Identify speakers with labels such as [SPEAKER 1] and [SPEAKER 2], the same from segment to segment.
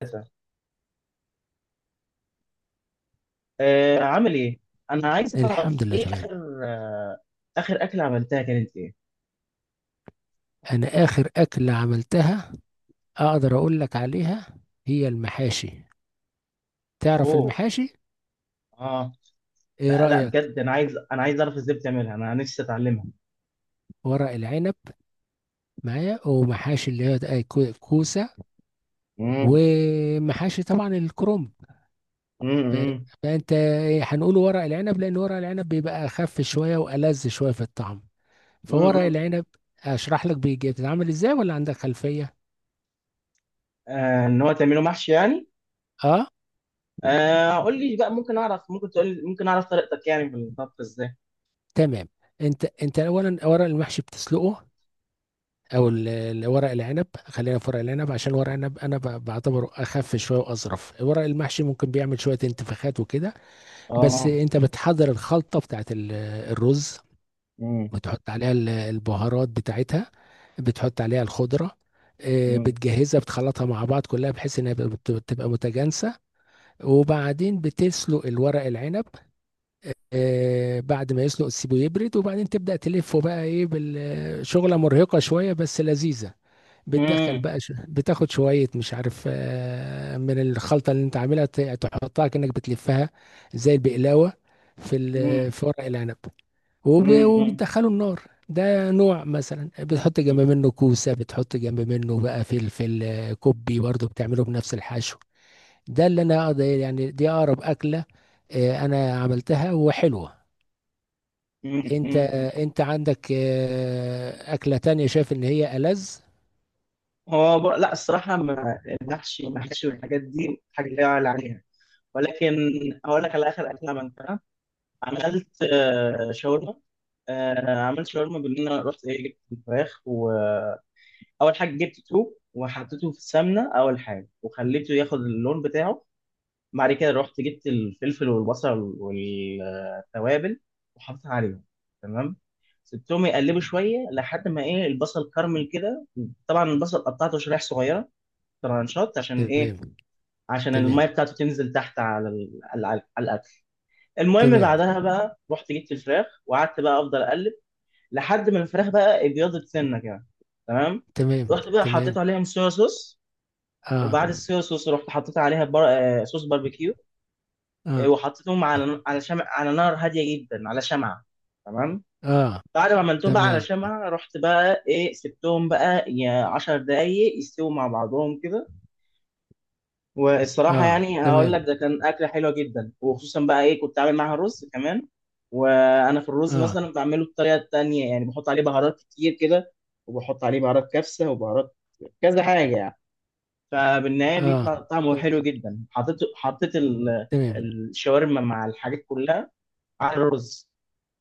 [SPEAKER 1] ثلاثة. عامل ايه؟ انا عايز
[SPEAKER 2] الحمد
[SPEAKER 1] اعرف
[SPEAKER 2] لله،
[SPEAKER 1] ايه
[SPEAKER 2] تمام.
[SPEAKER 1] اخر اكلة عملتها كانت ايه؟
[SPEAKER 2] انا اخر اكلة عملتها، اقدر اقول لك عليها، هي المحاشي. تعرف
[SPEAKER 1] اوه.
[SPEAKER 2] المحاشي؟
[SPEAKER 1] اه.
[SPEAKER 2] ايه
[SPEAKER 1] لا لا،
[SPEAKER 2] رأيك؟
[SPEAKER 1] بجد انا عايز اعرف ازاي بتعملها، انا نفسي اتعلمها.
[SPEAKER 2] ورق العنب معايا، ومحاشي اللي هي كوسة،
[SPEAKER 1] امم.
[SPEAKER 2] ومحاشي طبعا الكرنب. ف-
[SPEAKER 1] امم.
[SPEAKER 2] فانت، هنقول ورق العنب لان ورق العنب بيبقى اخف شوية والذ شوية في الطعم. فورق
[SPEAKER 1] امم.
[SPEAKER 2] العنب، اشرح لك بيجي بتتعمل ازاي، ولا عندك خلفية؟
[SPEAKER 1] ان هو تعمله محشي يعني؟
[SPEAKER 2] اه،
[SPEAKER 1] قول لي بقى، ممكن اعرف طريقتك يعني في الطبخ ازاي؟
[SPEAKER 2] تمام. انت اولا ورق المحشي بتسلقه، او ورق العنب، خلينا في ورق العنب عشان ورق العنب انا بعتبره اخف شويه واظرف. ورق المحشي ممكن بيعمل شويه انتفاخات وكده. بس
[SPEAKER 1] اه.
[SPEAKER 2] انت بتحضر الخلطه بتاعت الرز،
[SPEAKER 1] امم.
[SPEAKER 2] بتحط عليها البهارات بتاعتها، بتحط عليها الخضره.
[SPEAKER 1] امم.
[SPEAKER 2] بتجهزها، بتخلطها مع بعض كلها بحيث انها بتبقى متجانسه. وبعدين بتسلق الورق العنب. بعد ما يسلق تسيبه يبرد، وبعدين تبدأ تلفه بقى، ايه، بالشغلة مرهقة شوية بس لذيذة. بتدخل
[SPEAKER 1] امم.
[SPEAKER 2] بقى، بتاخد شوية مش عارف، من الخلطة اللي انت عاملها تحطها كأنك بتلفها زي البقلاوة
[SPEAKER 1] امم.
[SPEAKER 2] في ورق العنب.
[SPEAKER 1] امم.
[SPEAKER 2] وبتدخله النار. ده نوع مثلا، بتحط جنب منه كوسة، بتحط جنب منه بقى فلفل، كوبي برضه بتعمله بنفس الحشو. ده اللي انا يعني، دي اقرب اكلة. انا عملتها وحلوة.
[SPEAKER 1] امم.
[SPEAKER 2] انت
[SPEAKER 1] امم.
[SPEAKER 2] انت عندك اكله تانية شايف ان هي ألذ؟
[SPEAKER 1] هو لا، الصراحة ما المحشي والمحشي والحاجات دي حاجة لا يعلى عليها، ولكن هقول لك على اخر اكله عملتها. عملت شاورما. عملت شاورما، بان انا رحت ايه جبت الفراخ. واول حاجه جبت توب وحطيته في السمنه اول حاجه، وخليته ياخد اللون بتاعه. بعد كده رحت جبت الفلفل والبصل والتوابل وحطيتها عليهم. تمام. سبتهم يقلبوا شويه لحد ما ايه البصل كرمل كده. طبعا البصل قطعته شرايح صغيره، ترانشات، عشان ايه؟
[SPEAKER 2] تمام،
[SPEAKER 1] عشان
[SPEAKER 2] تمام،
[SPEAKER 1] الميه بتاعته تنزل تحت على ال- على على الاكل. المهم
[SPEAKER 2] تمام،
[SPEAKER 1] بعدها بقى رحت جبت الفراخ وقعدت بقى افضل اقلب لحد ما الفراخ بقى ابيضت سنه كده. تمام.
[SPEAKER 2] تمام،
[SPEAKER 1] رحت بقى حطيت
[SPEAKER 2] تمام.
[SPEAKER 1] عليهم صويا صوص،
[SPEAKER 2] اه،
[SPEAKER 1] وبعد الصويا صوص رحت حطيت عليها بر... آه، صوص باربيكيو.
[SPEAKER 2] اه،
[SPEAKER 1] وحطيتهم على شمع، على نار هاديه جدا، على شمعه. تمام.
[SPEAKER 2] اه،
[SPEAKER 1] بعد ما عملتهم بقى على
[SPEAKER 2] تمام،
[SPEAKER 1] شمعه رحت بقى ايه سبتهم بقى يا 10 دقايق يستووا مع بعضهم كده. والصراحة
[SPEAKER 2] اه،
[SPEAKER 1] يعني هقول لك
[SPEAKER 2] تمام،
[SPEAKER 1] ده كان أكلة حلوة جدا، وخصوصا بقى إيه كنت عامل معاها رز كمان. وأنا في الرز
[SPEAKER 2] اه،
[SPEAKER 1] مثلا بعمله بطريقة تانية، يعني بحط عليه بهارات كتير كده، وبحط عليه بهارات كبسة وبهارات كذا حاجة يعني. فبالنهاية
[SPEAKER 2] اه،
[SPEAKER 1] بيطلع طعمه حلو
[SPEAKER 2] تمام،
[SPEAKER 1] جدا. حطيت
[SPEAKER 2] تمام،
[SPEAKER 1] الشاورما مع الحاجات كلها على الرز،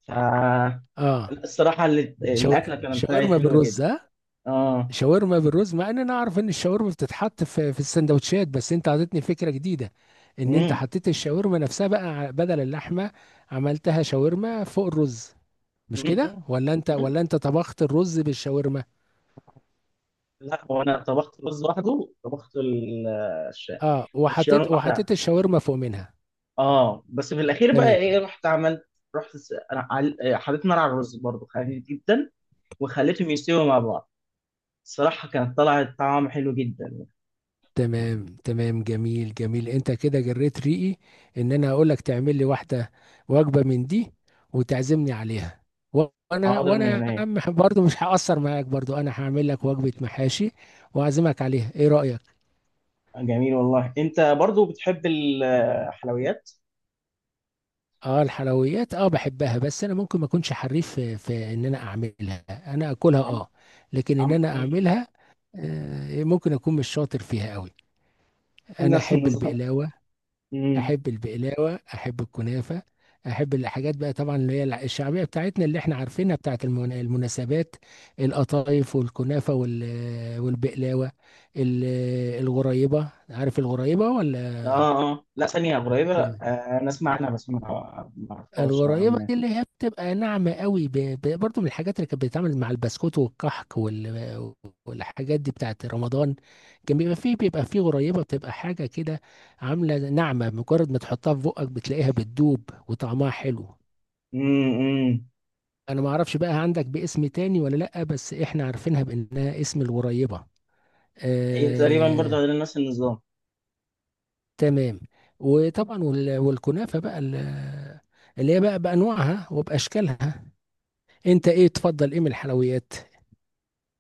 [SPEAKER 1] فالصراحة
[SPEAKER 2] اه. شو...
[SPEAKER 1] الأكلة كانت
[SPEAKER 2] شاورما
[SPEAKER 1] حلوة جدا.
[SPEAKER 2] بالرز، ها؟
[SPEAKER 1] آه.
[SPEAKER 2] شاورما بالرز، مع ان انا اعرف ان الشاورما بتتحط في السندوتشات، بس انت عطيتني فكره جديده. ان انت
[SPEAKER 1] مم.
[SPEAKER 2] حطيت الشاورما نفسها بقى بدل اللحمه. عملتها شاورما فوق الرز، مش كده؟ ولا انت
[SPEAKER 1] مم.
[SPEAKER 2] ولا انت طبخت الرز بالشاورما؟
[SPEAKER 1] لا، هو انا طبخت رز لوحده، طبخت الش-
[SPEAKER 2] اه،
[SPEAKER 1] الشيران
[SPEAKER 2] وحطيت
[SPEAKER 1] لوحدها.
[SPEAKER 2] وحطيت الشاورما فوق منها.
[SPEAKER 1] اه. بس في الاخير بقى
[SPEAKER 2] تمام،
[SPEAKER 1] ايه رحت حطيت نار على الرز برضه خفيف جدا، وخليتهم يستووا مع بعض. الصراحه كانت طلعت طعم حلو جدا.
[SPEAKER 2] تمام، تمام، جميل، جميل، انت كده جريت ريقي. ان انا اقول لك تعمل لي واحده، وجبه من دي، وتعزمني عليها. و- وانا
[SPEAKER 1] حاضر من
[SPEAKER 2] وانا يا
[SPEAKER 1] عينيا.
[SPEAKER 2] عم برضو مش هقصر معاك، برضو انا هعمل لك وجبه محاشي، واعزمك عليها، ايه رايك؟
[SPEAKER 1] جميل والله، انت برضو بتحب الحلويات.
[SPEAKER 2] اه، الحلويات، اه بحبها، بس انا ممكن ما اكونش حريف في ان انا اعملها، انا اكلها
[SPEAKER 1] عم.
[SPEAKER 2] اه. لكن ان
[SPEAKER 1] عم.
[SPEAKER 2] انا
[SPEAKER 1] مم.
[SPEAKER 2] اعملها، ممكن اكون مش شاطر فيها قوي. انا
[SPEAKER 1] نفس
[SPEAKER 2] احب
[SPEAKER 1] النظام.
[SPEAKER 2] البقلاوه،
[SPEAKER 1] مم.
[SPEAKER 2] احب البقلاوه، احب الكنافه. احب الحاجات بقى طبعا اللي هي الشعبيه بتاعتنا، اللي احنا عارفينها بتاعت المناسبات. القطايف والكنافه والبقلاوه. ال- الغريبه، عارف الغريبه ولا؟
[SPEAKER 1] اه. اه. لا، ثانيه قريبه. انا اسمع عنها بس ما ما اعرفهاش نوعا
[SPEAKER 2] الغريبة
[SPEAKER 1] ما.
[SPEAKER 2] دي اللي هي بتبقى ناعمة قوي، برضو من الحاجات اللي كانت بتتعمل مع البسكوت والكحك والحاجات دي بتاعت رمضان. كان بيبقى فيه غريبة بتبقى حاجة كده، عاملة ناعمة، مجرد ما تحطها في بقك بتلاقيها بتدوب وطعمها حلو.
[SPEAKER 1] مم. مم.
[SPEAKER 2] انا ما اعرفش بقى، عندك باسم تاني ولا لأ، بس احنا عارفينها بانها اسم الغريبة.
[SPEAKER 1] هي تقريبا برضه
[SPEAKER 2] آه...
[SPEAKER 1] غير نفس النظام.
[SPEAKER 2] تمام. وطبعا والكنافة بقى اللي هي بقى بأنواعها وبأشكالها. انت ايه تفضل ايه من الحلويات؟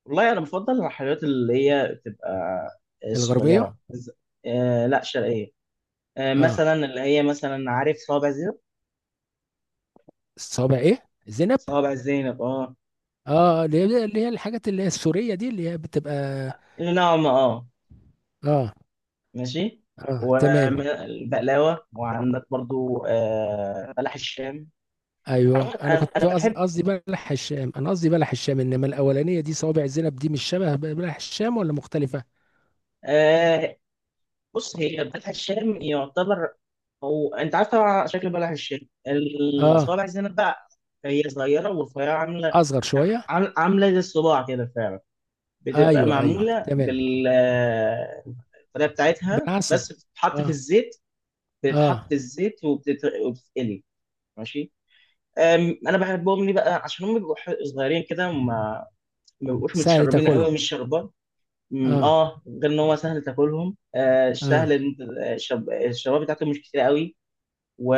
[SPEAKER 1] والله انا بفضل المحلات اللي هي بتبقى
[SPEAKER 2] الغربيه؟
[SPEAKER 1] الصغيره آه لا، شرقيه.
[SPEAKER 2] اه.
[SPEAKER 1] مثلا اللي هي مثلا، عارف صوابع زينب؟
[SPEAKER 2] الصوابع ايه زينب؟
[SPEAKER 1] صوابع زينب اه.
[SPEAKER 2] اه، اللي هي الحاجات اللي هي السوريه دي اللي هي بتبقى.
[SPEAKER 1] اللي نوعا ما اه.
[SPEAKER 2] اه،
[SPEAKER 1] ماشي.
[SPEAKER 2] اه، تمام.
[SPEAKER 1] والبقلاوه، وعندك برضو بلح الشام.
[SPEAKER 2] ايوه،
[SPEAKER 1] عموماً
[SPEAKER 2] انا
[SPEAKER 1] انا
[SPEAKER 2] كنت
[SPEAKER 1] بحب.
[SPEAKER 2] قصدي بلح الشام، انا قصدي بلح الشام، انما الاولانيه دي، صوابع زينب دي مش شبه بلح الشام ولا مختلفه؟
[SPEAKER 1] آه، بص، هي بلح الشام يعتبر، هو انت عارف طبعا شكل بلح الشام.
[SPEAKER 2] اه،
[SPEAKER 1] الصوابع الزينب بقى هي صغيره والرفيعه، عامله
[SPEAKER 2] اصغر شويه.
[SPEAKER 1] عامله زي الصباع كده فعلا. بتبقى
[SPEAKER 2] ايوه، ايوه،
[SPEAKER 1] معموله
[SPEAKER 2] تمام.
[SPEAKER 1] بالطريقه بتاعتها،
[SPEAKER 2] بالعسل.
[SPEAKER 1] بس بتتحط في
[SPEAKER 2] اه،
[SPEAKER 1] الزيت. بتتحط في
[SPEAKER 2] اه،
[SPEAKER 1] الزيت وبتتقلي. ماشي. أم، انا بحبهم ليه بقى؟ عشان هم بيبقوا صغيرين كده وما ما بيبقوش
[SPEAKER 2] سهل
[SPEAKER 1] متشربين قوي،
[SPEAKER 2] تاكلهم.
[SPEAKER 1] مش شربان. مم.
[SPEAKER 2] اه،
[SPEAKER 1] اه، غير ان هو سهل تاكلهم. سهل
[SPEAKER 2] اه،
[SPEAKER 1] ان انت الشباب بتاعتهم مش كتير قوي،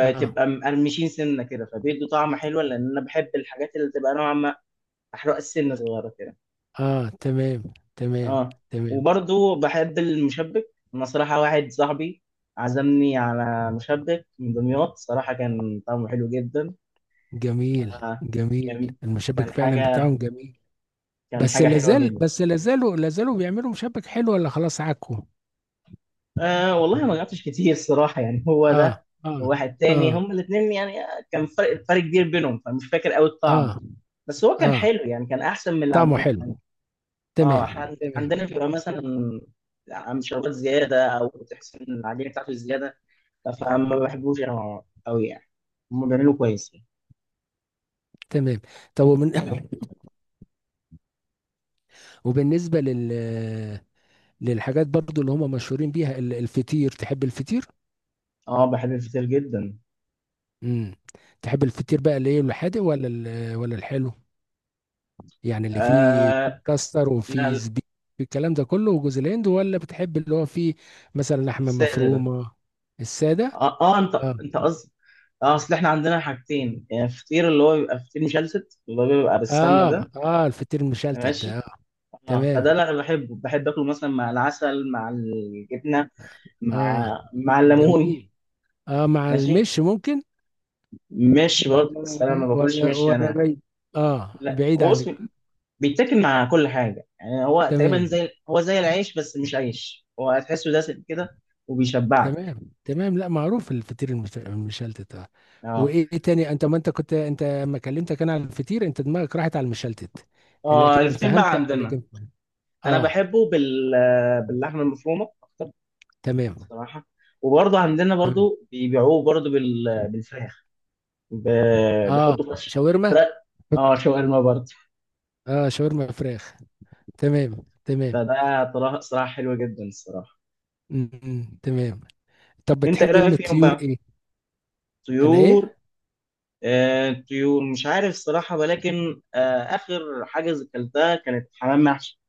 [SPEAKER 2] اه،
[SPEAKER 1] مقرمشين سنه كده، فبيدوا طعم حلو. لان انا بحب الحاجات اللي تبقى نوعا ما احرق السنه صغيره كده.
[SPEAKER 2] اه، تمام، تمام.
[SPEAKER 1] اه.
[SPEAKER 2] تمام،
[SPEAKER 1] وبرضو بحب المشبك، انا صراحه واحد صاحبي عزمني على مشبك من دمياط، صراحه كان طعمه حلو جدا.
[SPEAKER 2] جميل،
[SPEAKER 1] آه،
[SPEAKER 2] جميل،
[SPEAKER 1] كان
[SPEAKER 2] المشبك
[SPEAKER 1] كان
[SPEAKER 2] فعلا
[SPEAKER 1] حاجه
[SPEAKER 2] بتاعهم جميل.
[SPEAKER 1] كان
[SPEAKER 2] بس
[SPEAKER 1] حاجه حلوه
[SPEAKER 2] لازال
[SPEAKER 1] جدا.
[SPEAKER 2] بس لازالوا لازالوا بيعملوا مشبك حلو ولا خلاص عكوا؟
[SPEAKER 1] والله ما قعدتش كتير الصراحة، يعني هو
[SPEAKER 2] اه،
[SPEAKER 1] ده
[SPEAKER 2] اه،
[SPEAKER 1] وواحد تاني
[SPEAKER 2] اه،
[SPEAKER 1] هم الاثنين يعني. كان فرق كبير بينهم فمش فاكر قوي الطعم.
[SPEAKER 2] اه،
[SPEAKER 1] بس هو كان
[SPEAKER 2] اه،
[SPEAKER 1] حلو يعني، كان أحسن من اللي
[SPEAKER 2] طعمه
[SPEAKER 1] عندنا يعني.
[SPEAKER 2] حلو.
[SPEAKER 1] اه،
[SPEAKER 2] تمام،
[SPEAKER 1] إحنا
[SPEAKER 2] تمام،
[SPEAKER 1] عندنا بيبقى مثلا عم شربات زيادة أو تحس إن العجينة بتاعته زيادة، فما بحبوش أنا أوي يعني. هم بيعملوا كويس.
[SPEAKER 2] تمام، طب ومن وبالنسبة للحاجات برضو اللي هم مشهورين بيها، الفطير، تحب الفطير؟
[SPEAKER 1] اه، بحب الفطير جدا.
[SPEAKER 2] امم تحب الفطير بقى اللي ايه، الحادق ولا ولا الحلو؟ يعني اللي فيه
[SPEAKER 1] آه
[SPEAKER 2] كاستر وفيه
[SPEAKER 1] لا،
[SPEAKER 2] زبيب، الكلام ده كله وجوز الهند، ولا بتحب اللي هو فيه مثلا لحمة
[SPEAKER 1] السادة ده.
[SPEAKER 2] مفرومة؟ السادة؟
[SPEAKER 1] اه, انت
[SPEAKER 2] آه.
[SPEAKER 1] انت قصد. اه، اصل احنا عندنا حاجتين يعني، فطير اللي هو بيبقى فطير مشلتت اللي هو بيبقى بالسمنه
[SPEAKER 2] اه،
[SPEAKER 1] ده.
[SPEAKER 2] اه، الفطير المشلتت ده
[SPEAKER 1] ماشي. اه، فده
[SPEAKER 2] تمام.
[SPEAKER 1] اللي انا بحبه، بحب اكله مثلا مع العسل، مع الجبنه، مع
[SPEAKER 2] اه،
[SPEAKER 1] مع الليمون.
[SPEAKER 2] جميل. اه، مع
[SPEAKER 1] ماشي.
[SPEAKER 2] المش ممكن.
[SPEAKER 1] مش برضه،
[SPEAKER 2] ولا،
[SPEAKER 1] بس انا ما باكلش
[SPEAKER 2] ولا،
[SPEAKER 1] مشي
[SPEAKER 2] ولا
[SPEAKER 1] انا.
[SPEAKER 2] بعيد. اه،
[SPEAKER 1] لا،
[SPEAKER 2] بعيد
[SPEAKER 1] هو
[SPEAKER 2] عنك.
[SPEAKER 1] اسمي بيتاكل مع كل حاجه يعني، هو تقريبا
[SPEAKER 2] تمام،
[SPEAKER 1] زي هو زي العيش بس مش عيش، هو هتحسه دسم كده، وبيشبعك.
[SPEAKER 2] تمام، تمام، لا معروف الفطير المشلتت، اه.
[SPEAKER 1] اه.
[SPEAKER 2] وايه تاني، انت ما انت كنت انت لما كلمتك انا على الفطير، انت دماغك راحت على المشلتت.
[SPEAKER 1] اه،
[SPEAKER 2] لكن
[SPEAKER 1] الفطير
[SPEAKER 2] فهمت.
[SPEAKER 1] بقى عندنا
[SPEAKER 2] لكن
[SPEAKER 1] انا
[SPEAKER 2] اه.
[SPEAKER 1] بحبه باللحمه المفرومه
[SPEAKER 2] تمام،
[SPEAKER 1] الصراحه. وبرضه عندنا
[SPEAKER 2] تمام،
[SPEAKER 1] برضه بيبيعوه برضه بالفراخ. ب...
[SPEAKER 2] اه،
[SPEAKER 1] بيحطوا فراخ،
[SPEAKER 2] شاورما،
[SPEAKER 1] فراخ. اه، شاورما برضه.
[SPEAKER 2] اه، شاورما فراخ، تمام، تمام.
[SPEAKER 1] فده صراحه حلوه جدا الصراحه.
[SPEAKER 2] تمام. طب
[SPEAKER 1] انت ايه
[SPEAKER 2] بتحب ام
[SPEAKER 1] رايك فيهم
[SPEAKER 2] الطيور
[SPEAKER 1] بقى؟
[SPEAKER 2] ايه؟ انا
[SPEAKER 1] طيور.
[SPEAKER 2] ايه؟
[SPEAKER 1] طيور مش عارف الصراحه، ولكن اخر حاجه اكلتها كانت حمام محشي.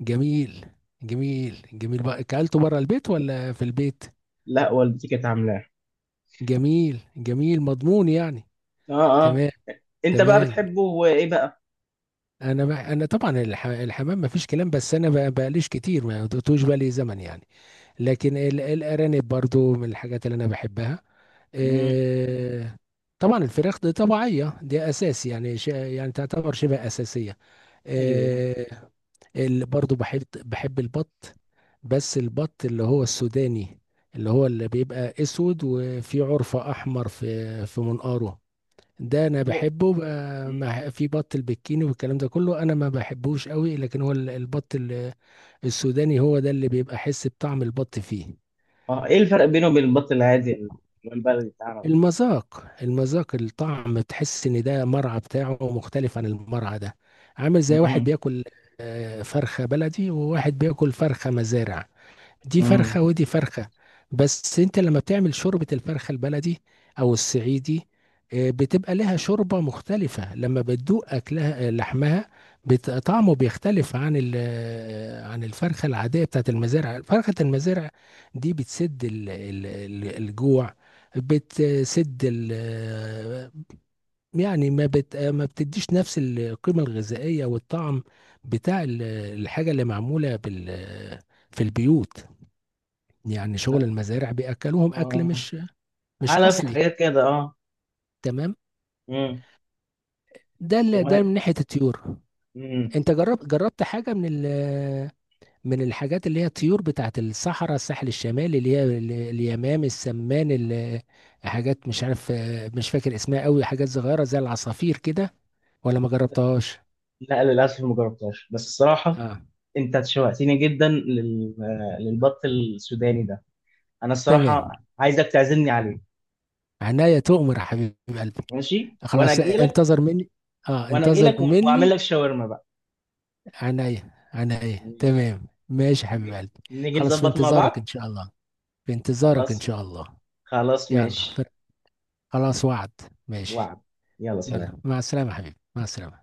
[SPEAKER 2] جميل، جميل، جميل بقى، اكلته بره البيت ولا في البيت؟
[SPEAKER 1] لا، والدتي كانت عاملاه.
[SPEAKER 2] جميل، جميل، مضمون يعني.
[SPEAKER 1] اه. اه،
[SPEAKER 2] تمام،
[SPEAKER 1] انت بقى
[SPEAKER 2] تمام.
[SPEAKER 1] بتحبه وايه بقى؟
[SPEAKER 2] انا بقى، انا طبعا الحمام ما فيش كلام، بس انا بقى بقليش كتير، ما دوتوش بالي زمن يعني. لكن الارانب برضو من الحاجات اللي انا بحبها.
[SPEAKER 1] امم.
[SPEAKER 2] إيه. طبعا الفراخ دي طبيعيه، دي اساس يعني، يعني تعتبر شبه اساسيه.
[SPEAKER 1] ايوه.
[SPEAKER 2] اللي برضو بحب البط. بس البط اللي هو السوداني، اللي هو اللي بيبقى اسود، وفي عرفة احمر في منقاره. ده انا
[SPEAKER 1] م...
[SPEAKER 2] بحبه بقى،
[SPEAKER 1] مم.
[SPEAKER 2] في بط البكيني والكلام ده كله انا ما بحبوش قوي، لكن هو البط السوداني هو ده اللي بيبقى حس بطعم البط فيه.
[SPEAKER 1] اه، ايه الفرق بينه وبين البط العادي والبلدي بتاعنا ده؟
[SPEAKER 2] المذاق، المذاق، الطعم تحس ان ده مرعى بتاعه مختلف عن المرعى ده. عامل زي واحد
[SPEAKER 1] مم.
[SPEAKER 2] بياكل فرخة بلدي، وواحد بياكل فرخة مزارع، دي
[SPEAKER 1] مم.
[SPEAKER 2] فرخة ودي فرخة. بس انت لما بتعمل شوربة الفرخة البلدي او الصعيدي، بتبقى لها شوربة مختلفة، لما بتدوق اكلها، لحمها طعمه بيختلف عن عن الفرخة العادية بتاعت المزارع. فرخة المزارع دي بتسد الجوع، بتسد يعني ما بت آه، ما بتديش نفس القيمة الغذائية والطعم بتاع الحاجة اللي معمولة في البيوت. يعني شغل المزارع بياكلوهم اكل
[SPEAKER 1] اه،
[SPEAKER 2] مش
[SPEAKER 1] علف
[SPEAKER 2] اصلي.
[SPEAKER 1] وحاجات كده اه.
[SPEAKER 2] تمام.
[SPEAKER 1] امم.
[SPEAKER 2] ده اللي ده
[SPEAKER 1] وه-
[SPEAKER 2] من ناحيه الطيور.
[SPEAKER 1] امم.
[SPEAKER 2] انت جربت حاجه من الحاجات اللي هي الطيور بتاعت الصحراء، الساحل الشمالي، اللي هي اليمام، السمان، حاجات مش عارف، مش فاكر اسمها قوي، حاجات صغيره زي العصافير كده، ولا ما جربتهاش؟
[SPEAKER 1] لا، للاسف ما جربتهاش، بس الصراحه
[SPEAKER 2] اه،
[SPEAKER 1] انت شوقتني جدا للبط السوداني ده. انا
[SPEAKER 2] تمام.
[SPEAKER 1] الصراحه عايزك تعزمني عليه.
[SPEAKER 2] عناية تؤمر يا حبيب قلبي.
[SPEAKER 1] ماشي، وانا
[SPEAKER 2] خلاص،
[SPEAKER 1] اجي لك.
[SPEAKER 2] انتظر مني. اه،
[SPEAKER 1] وانا اجي لك
[SPEAKER 2] انتظر
[SPEAKER 1] واعمل
[SPEAKER 2] مني.
[SPEAKER 1] لك شاورما بقى.
[SPEAKER 2] عينيا، عينيا،
[SPEAKER 1] ماشي.
[SPEAKER 2] تمام، ماشي يا حبيب قلبي.
[SPEAKER 1] نيجي
[SPEAKER 2] خلاص، في
[SPEAKER 1] نظبط مع
[SPEAKER 2] انتظارك
[SPEAKER 1] بعض.
[SPEAKER 2] ان شاء الله. في انتظارك ان
[SPEAKER 1] خلاص.
[SPEAKER 2] شاء الله.
[SPEAKER 1] خلاص
[SPEAKER 2] يلا
[SPEAKER 1] ماشي.
[SPEAKER 2] خلاص، وعد، ماشي.
[SPEAKER 1] وعد. يلا سلام.
[SPEAKER 2] يلا، مع السلامة يا حبيبي، مع السلامة.